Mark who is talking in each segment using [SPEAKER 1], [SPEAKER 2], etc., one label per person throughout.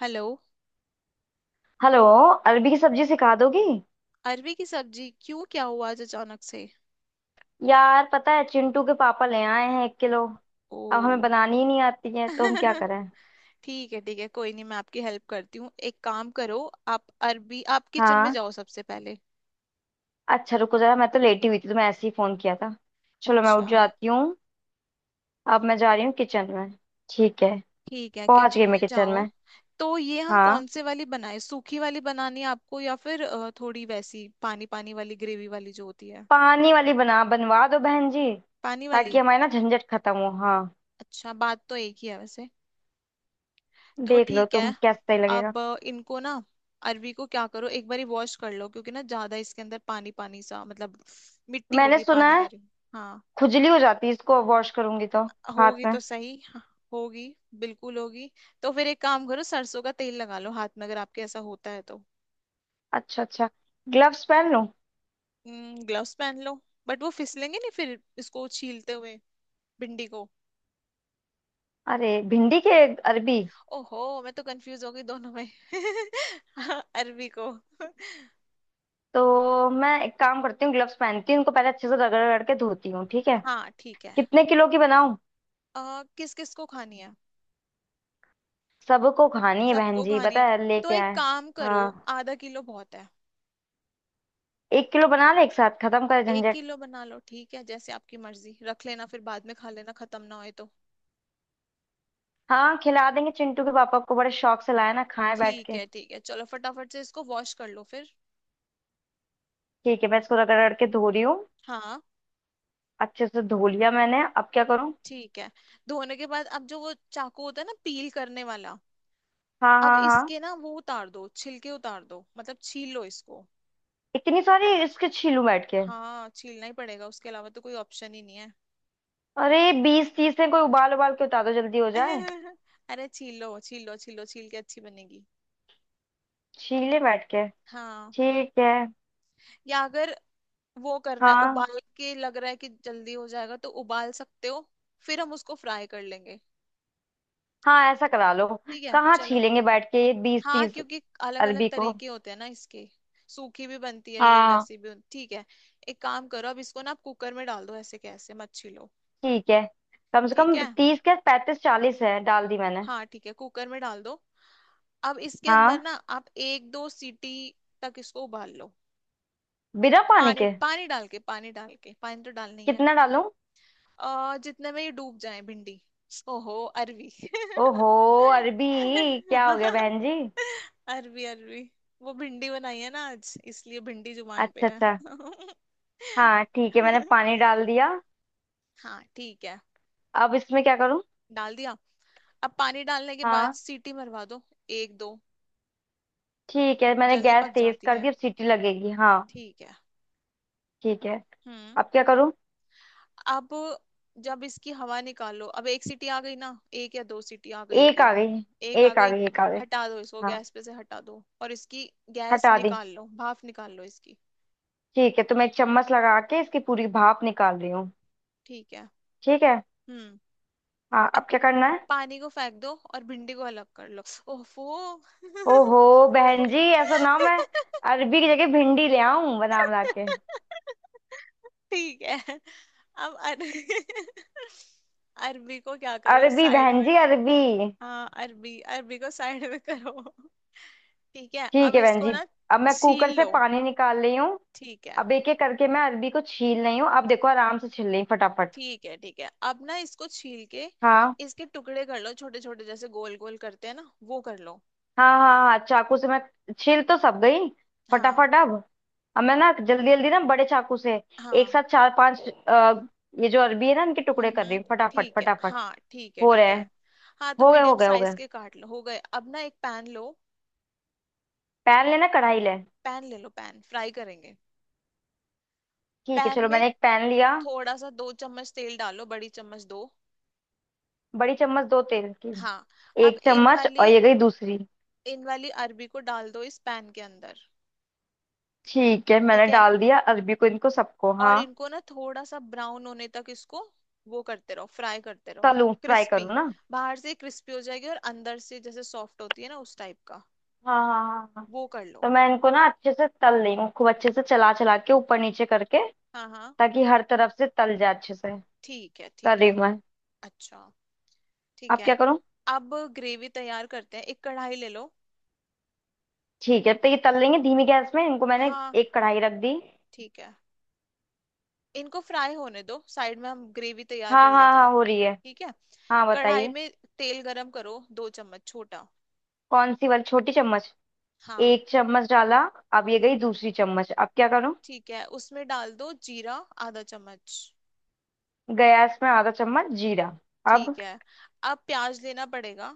[SPEAKER 1] Hello.
[SPEAKER 2] Hello. अरबी की सब्जी सिखा दोगी।
[SPEAKER 1] अरवी की सब्जी क्यों? क्या हुआ आज अचानक से?
[SPEAKER 2] यार पता है चिंटू के पापा ले आए हैं 1 किलो। अब हमें
[SPEAKER 1] ओ।
[SPEAKER 2] बनानी ही नहीं आती है तो हम क्या करें।
[SPEAKER 1] ठीक है, ठीक है, कोई नहीं, मैं आपकी हेल्प करती हूँ, एक काम करो। आप किचन में
[SPEAKER 2] हाँ।
[SPEAKER 1] जाओ सबसे पहले।
[SPEAKER 2] अच्छा रुको जरा, मैं तो लेटी हुई थी तो मैं ऐसे ही फोन किया था। चलो मैं उठ
[SPEAKER 1] अच्छा।
[SPEAKER 2] जाती हूँ। अब मैं जा रही हूँ किचन में। ठीक है।
[SPEAKER 1] ठीक है,
[SPEAKER 2] पहुंच गई
[SPEAKER 1] किचन
[SPEAKER 2] मैं
[SPEAKER 1] में
[SPEAKER 2] किचन
[SPEAKER 1] जाओ।
[SPEAKER 2] में।
[SPEAKER 1] तो ये हम
[SPEAKER 2] हाँ।
[SPEAKER 1] कौन से वाली बनाए? सूखी वाली बनानी है आपको या फिर थोड़ी वैसी पानी पानी वाली ग्रेवी वाली जो होती है?
[SPEAKER 2] पानी वाली बना बनवा दो बहन जी।
[SPEAKER 1] पानी
[SPEAKER 2] ताकि
[SPEAKER 1] वाली।
[SPEAKER 2] हमारी ना झंझट खत्म हो, हाँ।
[SPEAKER 1] अच्छा, बात तो एक ही है वैसे। तो
[SPEAKER 2] देख लो
[SPEAKER 1] ठीक
[SPEAKER 2] तुम
[SPEAKER 1] है।
[SPEAKER 2] कैसा सही लगेगा।
[SPEAKER 1] अब इनको ना, अरवी को क्या करो, एक बारी वॉश कर लो, क्योंकि ना ज्यादा इसके अंदर पानी पानी सा, मतलब मिट्टी
[SPEAKER 2] मैंने
[SPEAKER 1] होगी,
[SPEAKER 2] सुना
[SPEAKER 1] पानी
[SPEAKER 2] है
[SPEAKER 1] कह रही हूँ। हाँ,
[SPEAKER 2] खुजली हो जाती है इसको वॉश करूंगी तो। हाथ
[SPEAKER 1] होगी
[SPEAKER 2] में।
[SPEAKER 1] तो सही। हाँ, होगी, बिल्कुल होगी। तो फिर एक काम करो, सरसों का तेल लगा लो हाथ में अगर आपके ऐसा होता है तो।
[SPEAKER 2] अच्छा अच्छा। ग्लव्स पहन लूं?
[SPEAKER 1] ग्लव्स पहन लो। बट वो फिसलेंगे नहीं फिर इसको छीलते हुए। भिंडी को।
[SPEAKER 2] अरे भिंडी के अरबी।
[SPEAKER 1] ओहो, मैं तो कंफ्यूज हो गई दोनों में। अरवी को।
[SPEAKER 2] तो मैं एक काम करती हूँ, ग्लव्स पहनती हूँ उनको, पहले अच्छे से रगड़ रगड़ के धोती हूँ। ठीक है।
[SPEAKER 1] हाँ, ठीक है।
[SPEAKER 2] कितने किलो की बनाऊँ।
[SPEAKER 1] किस किस को खानी है?
[SPEAKER 2] सबको खानी है बहन
[SPEAKER 1] सबको
[SPEAKER 2] जी,
[SPEAKER 1] खानी
[SPEAKER 2] पता
[SPEAKER 1] है।
[SPEAKER 2] है
[SPEAKER 1] तो
[SPEAKER 2] लेके
[SPEAKER 1] एक
[SPEAKER 2] आए।
[SPEAKER 1] काम करो।
[SPEAKER 2] हाँ।
[SPEAKER 1] आधा किलो बहुत है।
[SPEAKER 2] 1 किलो बना ले, एक साथ खत्म कर
[SPEAKER 1] एक
[SPEAKER 2] झंझट।
[SPEAKER 1] किलो बना लो, ठीक है जैसे आपकी मर्जी, रख लेना फिर बाद में, खा लेना, खत्म ना होए तो।
[SPEAKER 2] हाँ खिला देंगे चिंटू के पापा को, बड़े शौक से लाए ना, खाए बैठ
[SPEAKER 1] ठीक
[SPEAKER 2] के।
[SPEAKER 1] है, ठीक है, चलो फटाफट से इसको वॉश कर लो फिर।
[SPEAKER 2] ठीक है मैं इसको रगड़ रगड़ के धो रही हूँ।
[SPEAKER 1] हाँ,
[SPEAKER 2] अच्छे से धो लिया मैंने। अब क्या करूँ।
[SPEAKER 1] ठीक है। धोने के बाद अब जो वो चाकू होता है ना, पील करने वाला।
[SPEAKER 2] हाँ
[SPEAKER 1] अब
[SPEAKER 2] हाँ हाँ।
[SPEAKER 1] इसके ना वो उतार दो, छिलके उतार दो, मतलब छील लो इसको।
[SPEAKER 2] इतनी सारी इसके छीलूं बैठ के।
[SPEAKER 1] हाँ, छीलना ही पड़ेगा, उसके अलावा तो कोई ऑप्शन ही नहीं है।
[SPEAKER 2] अरे 20-30 है कोई, उबाल उबाल के उतार दो जल्दी हो जाए।
[SPEAKER 1] अरे, छील लो, छील लो, छील लो, छील के अच्छी बनेगी।
[SPEAKER 2] छीले बैठ के।
[SPEAKER 1] हाँ।
[SPEAKER 2] ठीक है।
[SPEAKER 1] या अगर वो करना है
[SPEAKER 2] हाँ
[SPEAKER 1] उबाल के, लग रहा है कि जल्दी हो जाएगा तो उबाल सकते हो। फिर हम उसको फ्राई कर लेंगे।
[SPEAKER 2] हाँ ऐसा करा लो।
[SPEAKER 1] ठीक है,
[SPEAKER 2] कहाँ
[SPEAKER 1] चलो।
[SPEAKER 2] छीलेंगे बैठ के ये बीस
[SPEAKER 1] हाँ,
[SPEAKER 2] तीस
[SPEAKER 1] क्योंकि अलग अलग
[SPEAKER 2] अरबी को।
[SPEAKER 1] तरीके होते हैं ना इसके। सूखी भी बनती है, ये
[SPEAKER 2] हाँ।
[SPEAKER 1] वैसी भी ठीक है। एक काम करो, अब इसको ना आप कुकर में डाल दो, ऐसे कैसे मत छीलो।
[SPEAKER 2] ठीक है कम से
[SPEAKER 1] ठीक
[SPEAKER 2] कम
[SPEAKER 1] है।
[SPEAKER 2] 30 क्या 35-40 है, डाल दी मैंने।
[SPEAKER 1] हाँ, ठीक है, कुकर में डाल दो। अब इसके अंदर
[SPEAKER 2] हाँ।
[SPEAKER 1] ना आप एक दो सीटी तक इसको उबाल लो।
[SPEAKER 2] बिना पानी
[SPEAKER 1] पानी
[SPEAKER 2] के।
[SPEAKER 1] पानी डाल के पानी डाल के पानी तो डालनी है।
[SPEAKER 2] कितना डालूं।
[SPEAKER 1] जितने में ये डूब जाए भिंडी। ओहो। अरवी।
[SPEAKER 2] ओहो। अरबी। क्या हो गया बहन जी।
[SPEAKER 1] अरवी, अरवी। वो भिंडी बनाई है ना आज, इसलिए भिंडी जुबान पे
[SPEAKER 2] अच्छा
[SPEAKER 1] है।
[SPEAKER 2] अच्छा। हाँ ठीक है मैंने पानी डाल दिया।
[SPEAKER 1] हाँ, ठीक है।
[SPEAKER 2] अब इसमें क्या करूं।
[SPEAKER 1] डाल दिया। अब पानी डालने के बाद
[SPEAKER 2] हाँ।
[SPEAKER 1] सीटी मरवा दो। एक दो।
[SPEAKER 2] ठीक है मैंने
[SPEAKER 1] जल्दी
[SPEAKER 2] गैस
[SPEAKER 1] पक
[SPEAKER 2] तेज
[SPEAKER 1] जाती
[SPEAKER 2] कर
[SPEAKER 1] है।
[SPEAKER 2] दी, अब सीटी लगेगी, हाँ।
[SPEAKER 1] ठीक है।
[SPEAKER 2] ठीक है।
[SPEAKER 1] हम्म।
[SPEAKER 2] अब क्या करूं।
[SPEAKER 1] अब जब इसकी हवा निकालो, अब एक सीटी आ गई ना, एक या दो सीटी आ गई
[SPEAKER 2] एक
[SPEAKER 1] होगी।
[SPEAKER 2] आ गई।
[SPEAKER 1] एक आ
[SPEAKER 2] एक आ
[SPEAKER 1] गई।
[SPEAKER 2] गई, एक आ गई।
[SPEAKER 1] हटा दो इसको,
[SPEAKER 2] हाँ।
[SPEAKER 1] गैस पे से हटा दो, और इसकी गैस
[SPEAKER 2] हटा दी।
[SPEAKER 1] निकाल लो, भाप निकाल लो इसकी।
[SPEAKER 2] ठीक है तो मैं एक चम्मच लगा के इसकी पूरी भाप निकाल रही हूँ।
[SPEAKER 1] ठीक है।
[SPEAKER 2] ठीक है।
[SPEAKER 1] हम्म।
[SPEAKER 2] हाँ
[SPEAKER 1] अब
[SPEAKER 2] अब क्या करना है।
[SPEAKER 1] पानी को फेंक दो और भिंडी को अलग कर लो। ओफो।
[SPEAKER 2] ओहो। बहन जी ऐसा ना मैं अरबी की जगह भिंडी ले आऊं बना बना के।
[SPEAKER 1] ठीक है। अब अरबी को क्या करो
[SPEAKER 2] अरबी
[SPEAKER 1] साइड
[SPEAKER 2] बहन
[SPEAKER 1] में।
[SPEAKER 2] जी अरबी।
[SPEAKER 1] हाँ, अरबी, अरबी को साइड में करो। ठीक है,
[SPEAKER 2] ठीक
[SPEAKER 1] अब
[SPEAKER 2] है बहन
[SPEAKER 1] इसको
[SPEAKER 2] जी।
[SPEAKER 1] ना
[SPEAKER 2] अब मैं कुकर
[SPEAKER 1] छील
[SPEAKER 2] से
[SPEAKER 1] लो।
[SPEAKER 2] पानी निकाल रही हूँ।
[SPEAKER 1] ठीक है,
[SPEAKER 2] अब एक एक करके मैं अरबी को छील रही हूँ, अब देखो आराम से छील रही हूँ फटाफट।
[SPEAKER 1] ठीक है, ठीक है, अब ना इसको छील के
[SPEAKER 2] हाँ
[SPEAKER 1] इसके टुकड़े कर लो, छोटे छोटे, जैसे गोल गोल करते हैं ना, वो कर लो।
[SPEAKER 2] हाँ हाँ हाँ चाकू से मैं। छील तो सब गई
[SPEAKER 1] हाँ
[SPEAKER 2] फटाफट। अब मैं ना जल्दी जल्दी ना बड़े चाकू से एक
[SPEAKER 1] हाँ।
[SPEAKER 2] साथ चार पांच, अ, ये जो अरबी है ना इनके टुकड़े कर रही
[SPEAKER 1] हम्म।
[SPEAKER 2] हूँ फटाफट
[SPEAKER 1] ठीक है,
[SPEAKER 2] फटाफट।
[SPEAKER 1] हाँ, ठीक है,
[SPEAKER 2] हो रहे
[SPEAKER 1] ठीक है।
[SPEAKER 2] हैं।
[SPEAKER 1] हाँ, तो
[SPEAKER 2] हो गए
[SPEAKER 1] मीडियम
[SPEAKER 2] हो गए हो
[SPEAKER 1] साइज
[SPEAKER 2] गए।
[SPEAKER 1] के काट लो, हो गए, अब ना एक पैन लो।
[SPEAKER 2] पैन लेना कढ़ाई ले।
[SPEAKER 1] पैन ले लो, पैन फ्राई करेंगे।
[SPEAKER 2] ठीक है
[SPEAKER 1] पैन
[SPEAKER 2] चलो
[SPEAKER 1] में
[SPEAKER 2] मैंने एक पैन लिया।
[SPEAKER 1] थोड़ा सा दो चम्मच तेल डालो, बड़ी चम्मच दो।
[SPEAKER 2] बड़ी चम्मच दो तेल की।
[SPEAKER 1] हाँ। अब
[SPEAKER 2] एक
[SPEAKER 1] इन
[SPEAKER 2] चम्मच, और
[SPEAKER 1] वाली
[SPEAKER 2] ये गई दूसरी।
[SPEAKER 1] इन वाली अरबी को डाल दो इस पैन के अंदर।
[SPEAKER 2] ठीक है मैंने
[SPEAKER 1] ठीक है।
[SPEAKER 2] डाल दिया अरबी को, इनको सबको, हाँ।
[SPEAKER 1] और इनको ना थोड़ा सा ब्राउन होने तक इसको वो करते रहो, फ्राई करते रहो।
[SPEAKER 2] तलूं फ्राई
[SPEAKER 1] क्रिस्पी।
[SPEAKER 2] करूँ ना।
[SPEAKER 1] बाहर से क्रिस्पी हो जाएगी और अंदर से जैसे सॉफ्ट होती है ना, उस टाइप का।
[SPEAKER 2] हाँ हाँ हाँ हाँ।
[SPEAKER 1] वो कर लो।
[SPEAKER 2] तो मैं इनको ना अच्छे से तल रही हूँ, खूब अच्छे से चला चला के ऊपर नीचे करके
[SPEAKER 1] हाँ हाँ।
[SPEAKER 2] ताकि हर तरफ से तल जाए अच्छे से।
[SPEAKER 1] ठीक है,
[SPEAKER 2] कर
[SPEAKER 1] ठीक
[SPEAKER 2] रही
[SPEAKER 1] है।
[SPEAKER 2] हूँ मैं।
[SPEAKER 1] अच्छा। ठीक
[SPEAKER 2] अब
[SPEAKER 1] है,
[SPEAKER 2] क्या करूँ।
[SPEAKER 1] अब ग्रेवी तैयार करते हैं, एक कढ़ाई ले लो।
[SPEAKER 2] ठीक है तो ये तल लेंगे धीमी गैस में इनको, मैंने
[SPEAKER 1] हाँ।
[SPEAKER 2] एक कढ़ाई रख दी।
[SPEAKER 1] ठीक है। इनको फ्राई होने दो साइड में, हम ग्रेवी तैयार कर
[SPEAKER 2] हाँ हाँ
[SPEAKER 1] लेते हैं।
[SPEAKER 2] हाँ हो रही है।
[SPEAKER 1] ठीक है।
[SPEAKER 2] हाँ
[SPEAKER 1] कढ़ाई
[SPEAKER 2] बताइए।
[SPEAKER 1] में तेल गरम करो, दो चम्मच छोटा।
[SPEAKER 2] कौन सी वाली, छोटी चम्मच।
[SPEAKER 1] हाँ।
[SPEAKER 2] एक चम्मच डाला। अब ये गई
[SPEAKER 1] हम्म,
[SPEAKER 2] दूसरी चम्मच। अब क्या करूं।
[SPEAKER 1] ठीक है, उसमें डाल दो जीरा, आधा चम्मच।
[SPEAKER 2] गैस में आधा चम्मच जीरा। अब।
[SPEAKER 1] ठीक है। अब प्याज लेना पड़ेगा।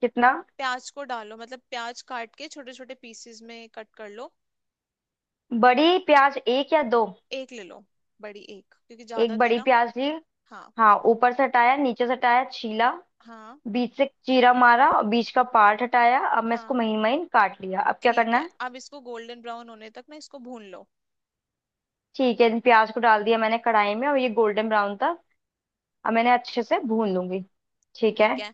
[SPEAKER 2] कितना।
[SPEAKER 1] प्याज को डालो, मतलब प्याज काट के छोटे छोटे पीसेस में कट कर लो।
[SPEAKER 2] बड़ी प्याज एक या दो।
[SPEAKER 1] एक ले लो। बड़ी एक, क्योंकि
[SPEAKER 2] एक
[SPEAKER 1] ज्यादा थी
[SPEAKER 2] बड़ी
[SPEAKER 1] ना।
[SPEAKER 2] प्याज ली।
[SPEAKER 1] हाँ
[SPEAKER 2] हाँ ऊपर से हटाया, नीचे से हटाया, छीला,
[SPEAKER 1] हाँ
[SPEAKER 2] बीच से चीरा मारा और बीच का पार्ट हटाया, अब मैं इसको
[SPEAKER 1] हाँ।
[SPEAKER 2] महीन महीन काट लिया। अब क्या
[SPEAKER 1] ठीक
[SPEAKER 2] करना
[SPEAKER 1] है,
[SPEAKER 2] है।
[SPEAKER 1] अब इसको गोल्डन ब्राउन होने तक ना इसको भून लो।
[SPEAKER 2] ठीक है इन प्याज को डाल दिया मैंने कढ़ाई में और ये गोल्डन ब्राउन था। अब मैंने अच्छे से भून लूंगी। ठीक है
[SPEAKER 1] ठीक है।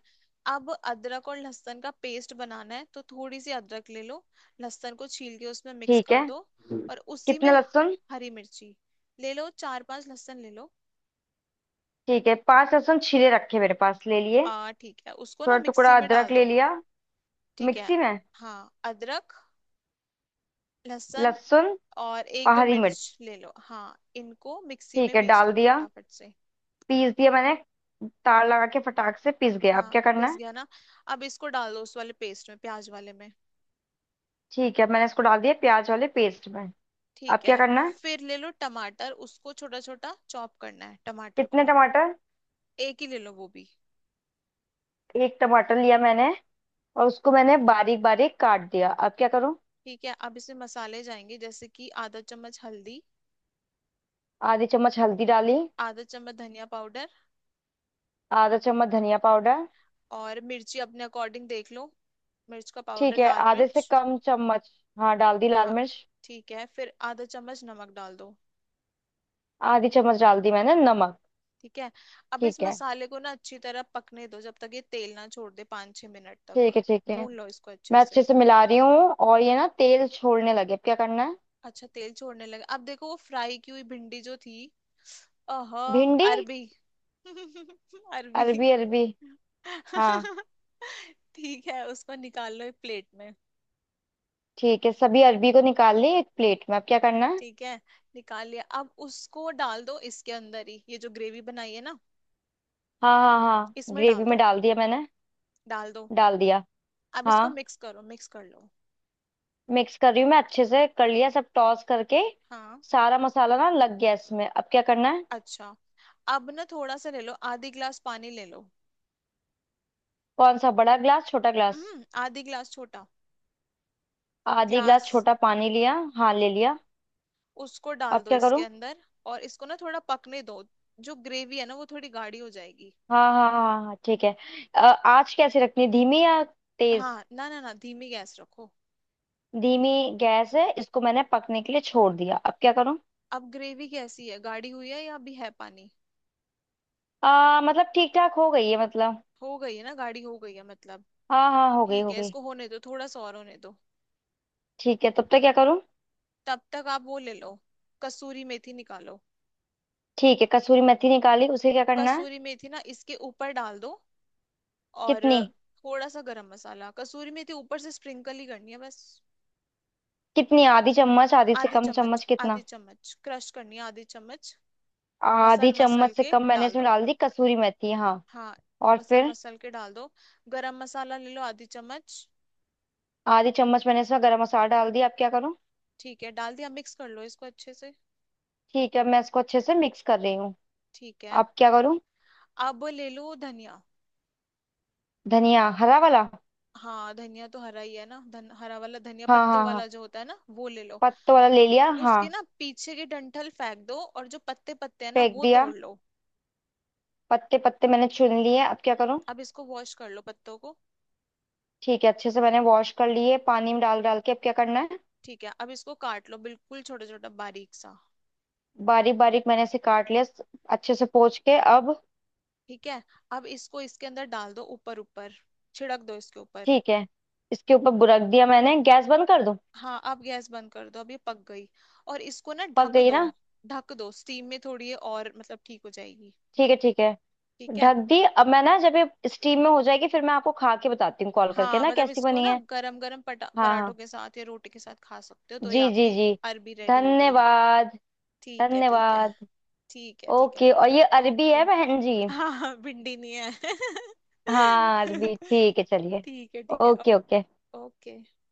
[SPEAKER 1] अब अदरक और लहसुन का पेस्ट बनाना है, तो थोड़ी सी अदरक ले लो। लहसुन को छील के उसमें मिक्स
[SPEAKER 2] ठीक
[SPEAKER 1] कर
[SPEAKER 2] है।
[SPEAKER 1] दो। और उसी में
[SPEAKER 2] कितने लहसुन।
[SPEAKER 1] हरी मिर्ची ले लो, चार पांच लहसुन ले लो।
[SPEAKER 2] ठीक है पांच लहसुन छीले रखे मेरे पास, ले लिए।
[SPEAKER 1] आ ठीक है, उसको ना
[SPEAKER 2] थोड़ा टुकड़ा
[SPEAKER 1] मिक्सी में
[SPEAKER 2] अदरक
[SPEAKER 1] डाल
[SPEAKER 2] ले
[SPEAKER 1] दो।
[SPEAKER 2] लिया।
[SPEAKER 1] ठीक है।
[SPEAKER 2] मिक्सी में।
[SPEAKER 1] हाँ, अदरक, लहसुन,
[SPEAKER 2] लहसुन
[SPEAKER 1] और एक
[SPEAKER 2] और
[SPEAKER 1] दो
[SPEAKER 2] हरी मिर्च।
[SPEAKER 1] मिर्च ले लो, हाँ, इनको मिक्सी में
[SPEAKER 2] ठीक है
[SPEAKER 1] पीस
[SPEAKER 2] डाल
[SPEAKER 1] लो
[SPEAKER 2] दिया।
[SPEAKER 1] फटाफट से।
[SPEAKER 2] पीस दिया मैंने। तार लगा के फटाक से पीस गया।
[SPEAKER 1] हाँ,
[SPEAKER 2] अब क्या करना
[SPEAKER 1] पिस
[SPEAKER 2] है।
[SPEAKER 1] गया ना। अब इसको डाल दो उस वाले पेस्ट में, प्याज वाले में।
[SPEAKER 2] ठीक है मैंने इसको डाल दिया प्याज वाले पेस्ट में। अब
[SPEAKER 1] ठीक है,
[SPEAKER 2] क्या करना है।
[SPEAKER 1] फिर ले लो टमाटर, उसको छोटा छोटा चॉप करना है, टमाटर
[SPEAKER 2] कितने
[SPEAKER 1] को।
[SPEAKER 2] टमाटर।
[SPEAKER 1] एक ही ले लो वो भी।
[SPEAKER 2] एक टमाटर लिया मैंने और उसको मैंने बारीक बारीक काट दिया। अब क्या करूं।
[SPEAKER 1] ठीक है, अब इसमें मसाले जाएंगे, जैसे कि आधा चम्मच हल्दी,
[SPEAKER 2] आधी चम्मच हल्दी डाली।
[SPEAKER 1] आधा चम्मच धनिया पाउडर,
[SPEAKER 2] आधा चम्मच धनिया पाउडर।
[SPEAKER 1] और मिर्ची अपने अकॉर्डिंग देख लो, मिर्च का
[SPEAKER 2] ठीक
[SPEAKER 1] पाउडर,
[SPEAKER 2] है
[SPEAKER 1] लाल
[SPEAKER 2] आधे से
[SPEAKER 1] मिर्च।
[SPEAKER 2] कम चम्मच। हाँ डाल दी लाल
[SPEAKER 1] हाँ।
[SPEAKER 2] मिर्च।
[SPEAKER 1] ठीक है, फिर आधा चम्मच नमक डाल दो।
[SPEAKER 2] आधी चम्मच डाल दी मैंने नमक।
[SPEAKER 1] ठीक है। अब इस
[SPEAKER 2] ठीक है
[SPEAKER 1] मसाले को ना अच्छी तरह पकने दो, जब तक ये तेल ना छोड़ दे, पाँच छह मिनट
[SPEAKER 2] ठीक
[SPEAKER 1] तक
[SPEAKER 2] है। ठीक है
[SPEAKER 1] भून लो इसको
[SPEAKER 2] मैं
[SPEAKER 1] अच्छे
[SPEAKER 2] अच्छे
[SPEAKER 1] से।
[SPEAKER 2] से मिला रही हूँ और ये ना तेल छोड़ने लगे। अब क्या करना है।
[SPEAKER 1] अच्छा, तेल छोड़ने लगा, अब देखो वो फ्राई की हुई भिंडी जो थी। अह
[SPEAKER 2] भिंडी
[SPEAKER 1] अरबी। अरबी।
[SPEAKER 2] अरबी अरबी। हाँ
[SPEAKER 1] ठीक है, उसको निकाल लो एक प्लेट में।
[SPEAKER 2] ठीक है सभी अरबी को निकाल ली एक प्लेट में। अब क्या करना है।
[SPEAKER 1] ठीक है। निकाल लिया, अब उसको डाल दो इसके अंदर ही, ये जो ग्रेवी बनाई है ना।
[SPEAKER 2] हाँ हाँ हाँ
[SPEAKER 1] इसमें
[SPEAKER 2] ग्रेवी
[SPEAKER 1] डाल
[SPEAKER 2] में
[SPEAKER 1] दो,
[SPEAKER 2] डाल दिया मैंने।
[SPEAKER 1] डाल दो।
[SPEAKER 2] डाल दिया।
[SPEAKER 1] अब इसको
[SPEAKER 2] हाँ
[SPEAKER 1] मिक्स करो, मिक्स कर लो।
[SPEAKER 2] मिक्स कर रही हूँ मैं अच्छे से, कर लिया सब टॉस करके।
[SPEAKER 1] हाँ।
[SPEAKER 2] सारा मसाला ना लग गया इसमें। अब क्या करना है।
[SPEAKER 1] अच्छा। अब ना थोड़ा सा ले लो, आधी गिलास पानी ले लो।
[SPEAKER 2] कौन सा, बड़ा ग्लास छोटा ग्लास।
[SPEAKER 1] हम्म, आधी गिलास, छोटा
[SPEAKER 2] आधी
[SPEAKER 1] ग्लास।
[SPEAKER 2] ग्लास छोटा पानी लिया, हाँ ले लिया।
[SPEAKER 1] उसको डाल
[SPEAKER 2] अब
[SPEAKER 1] दो
[SPEAKER 2] क्या
[SPEAKER 1] इसके
[SPEAKER 2] करूँ।
[SPEAKER 1] अंदर, और इसको ना थोड़ा पकने दो, जो ग्रेवी है ना वो थोड़ी गाढ़ी हो जाएगी।
[SPEAKER 2] हाँ हाँ हाँ हाँ ठीक है। अ, आँच कैसे रखनी, धीमी या तेज।
[SPEAKER 1] हाँ, ना ना ना, धीमी गैस रखो।
[SPEAKER 2] धीमी गैस है, इसको मैंने पकने के लिए छोड़ दिया। अब क्या करूँ।
[SPEAKER 1] अब ग्रेवी कैसी है, गाढ़ी हुई है या अभी है पानी?
[SPEAKER 2] मतलब ठीक ठाक हो गई है मतलब।
[SPEAKER 1] हो गई है ना, गाढ़ी हो गई है मतलब।
[SPEAKER 2] हाँ हाँ हो गई
[SPEAKER 1] ठीक
[SPEAKER 2] हो
[SPEAKER 1] है,
[SPEAKER 2] गई।
[SPEAKER 1] इसको होने दो, थोड़ा सा और होने दो।
[SPEAKER 2] ठीक है तब तक क्या करूँ।
[SPEAKER 1] तब तक आप वो ले लो, कसूरी मेथी निकालो।
[SPEAKER 2] ठीक है कसूरी मेथी निकाली, उसे क्या करना है।
[SPEAKER 1] कसूरी मेथी ना इसके ऊपर डाल दो, और
[SPEAKER 2] कितनी।
[SPEAKER 1] थोड़ा सा गरम मसाला, कसूरी मेथी ऊपर से स्प्रिंकल ही करनी है बस।
[SPEAKER 2] कितनी, आधी चम्मच, आधी से
[SPEAKER 1] आधी
[SPEAKER 2] कम
[SPEAKER 1] चम्मच,
[SPEAKER 2] चम्मच, कितना।
[SPEAKER 1] आधी चम्मच क्रश करनी है, आधी चम्मच।
[SPEAKER 2] आधी
[SPEAKER 1] मसल मसल
[SPEAKER 2] चम्मच से
[SPEAKER 1] के
[SPEAKER 2] कम मैंने
[SPEAKER 1] डाल
[SPEAKER 2] इसमें
[SPEAKER 1] दो।
[SPEAKER 2] डाल दी कसूरी मेथी, हाँ।
[SPEAKER 1] हाँ,
[SPEAKER 2] और
[SPEAKER 1] मसल
[SPEAKER 2] फिर।
[SPEAKER 1] मसल के डाल दो। गरम मसाला ले लो आधी चम्मच।
[SPEAKER 2] आधी चम्मच मैंने इसमें गरम मसाला डाल दिया। अब क्या करूँ।
[SPEAKER 1] ठीक है, डाल दिया, मिक्स कर लो इसको अच्छे से।
[SPEAKER 2] ठीक है मैं इसको अच्छे से मिक्स कर रही हूँ।
[SPEAKER 1] ठीक है।
[SPEAKER 2] अब क्या करूँ।
[SPEAKER 1] अब ले लो धनिया।
[SPEAKER 2] धनिया हरा वाला।
[SPEAKER 1] हाँ, धनिया तो हरा ही है ना, हरा वाला धनिया,
[SPEAKER 2] हाँ
[SPEAKER 1] पत्तों
[SPEAKER 2] हाँ हाँ
[SPEAKER 1] वाला जो होता है ना, वो ले लो।
[SPEAKER 2] पत्तों वाला ले लिया, हाँ।
[SPEAKER 1] उसके ना पीछे की डंठल फेंक दो, और जो पत्ते पत्ते हैं ना,
[SPEAKER 2] फेंक
[SPEAKER 1] वो
[SPEAKER 2] दिया।
[SPEAKER 1] तोड़ लो।
[SPEAKER 2] पत्ते पत्ते मैंने चुन लिए। अब क्या करूँ।
[SPEAKER 1] अब इसको वॉश कर लो, पत्तों को।
[SPEAKER 2] ठीक है अच्छे से मैंने वॉश कर लिए पानी में डाल डाल के। अब क्या करना है।
[SPEAKER 1] ठीक है, अब इसको काट लो, बिल्कुल छोटा छोटा, बारीक सा।
[SPEAKER 2] बारीक बारीक मैंने इसे काट लिया, अच्छे से पोंछ के, अब।
[SPEAKER 1] ठीक है, अब इसको इसके अंदर डाल दो, ऊपर ऊपर छिड़क दो, इसके ऊपर।
[SPEAKER 2] ठीक है। इसके ऊपर बुरक दिया मैंने, गैस बंद कर दूं।
[SPEAKER 1] हाँ, अब गैस बंद कर दो, अब ये पक गई, और इसको ना
[SPEAKER 2] पक
[SPEAKER 1] ढक
[SPEAKER 2] गई
[SPEAKER 1] दो।
[SPEAKER 2] ना।
[SPEAKER 1] ढक दो, स्टीम में थोड़ी ये और मतलब ठीक हो जाएगी।
[SPEAKER 2] ठीक है
[SPEAKER 1] ठीक है।
[SPEAKER 2] ढक दी। अब मैं ना, जब ये स्टीम में हो जाएगी फिर मैं आपको खा के बताती हूँ कॉल करके
[SPEAKER 1] हाँ,
[SPEAKER 2] ना
[SPEAKER 1] मतलब
[SPEAKER 2] कैसी
[SPEAKER 1] इसको
[SPEAKER 2] बनी
[SPEAKER 1] ना
[SPEAKER 2] है।
[SPEAKER 1] गरम गरम पटा
[SPEAKER 2] हाँ हाँ
[SPEAKER 1] पराठों के साथ या रोटी के साथ खा सकते हो, तो ये
[SPEAKER 2] जी जी
[SPEAKER 1] आपकी
[SPEAKER 2] जी।
[SPEAKER 1] अरबी रेडी हो गई।
[SPEAKER 2] धन्यवाद।
[SPEAKER 1] ठीक है, ठीक है।
[SPEAKER 2] धन्यवाद।
[SPEAKER 1] ठीक है, ठीक है।
[SPEAKER 2] ओके, और ये अरबी
[SPEAKER 1] ओके।
[SPEAKER 2] है बहन जी।
[SPEAKER 1] हाँ हाँ, भिंडी नहीं है।
[SPEAKER 2] हाँ अरबी, ठीक है चलिए।
[SPEAKER 1] ठीक है, ठीक है।
[SPEAKER 2] Okay okay.
[SPEAKER 1] ओके।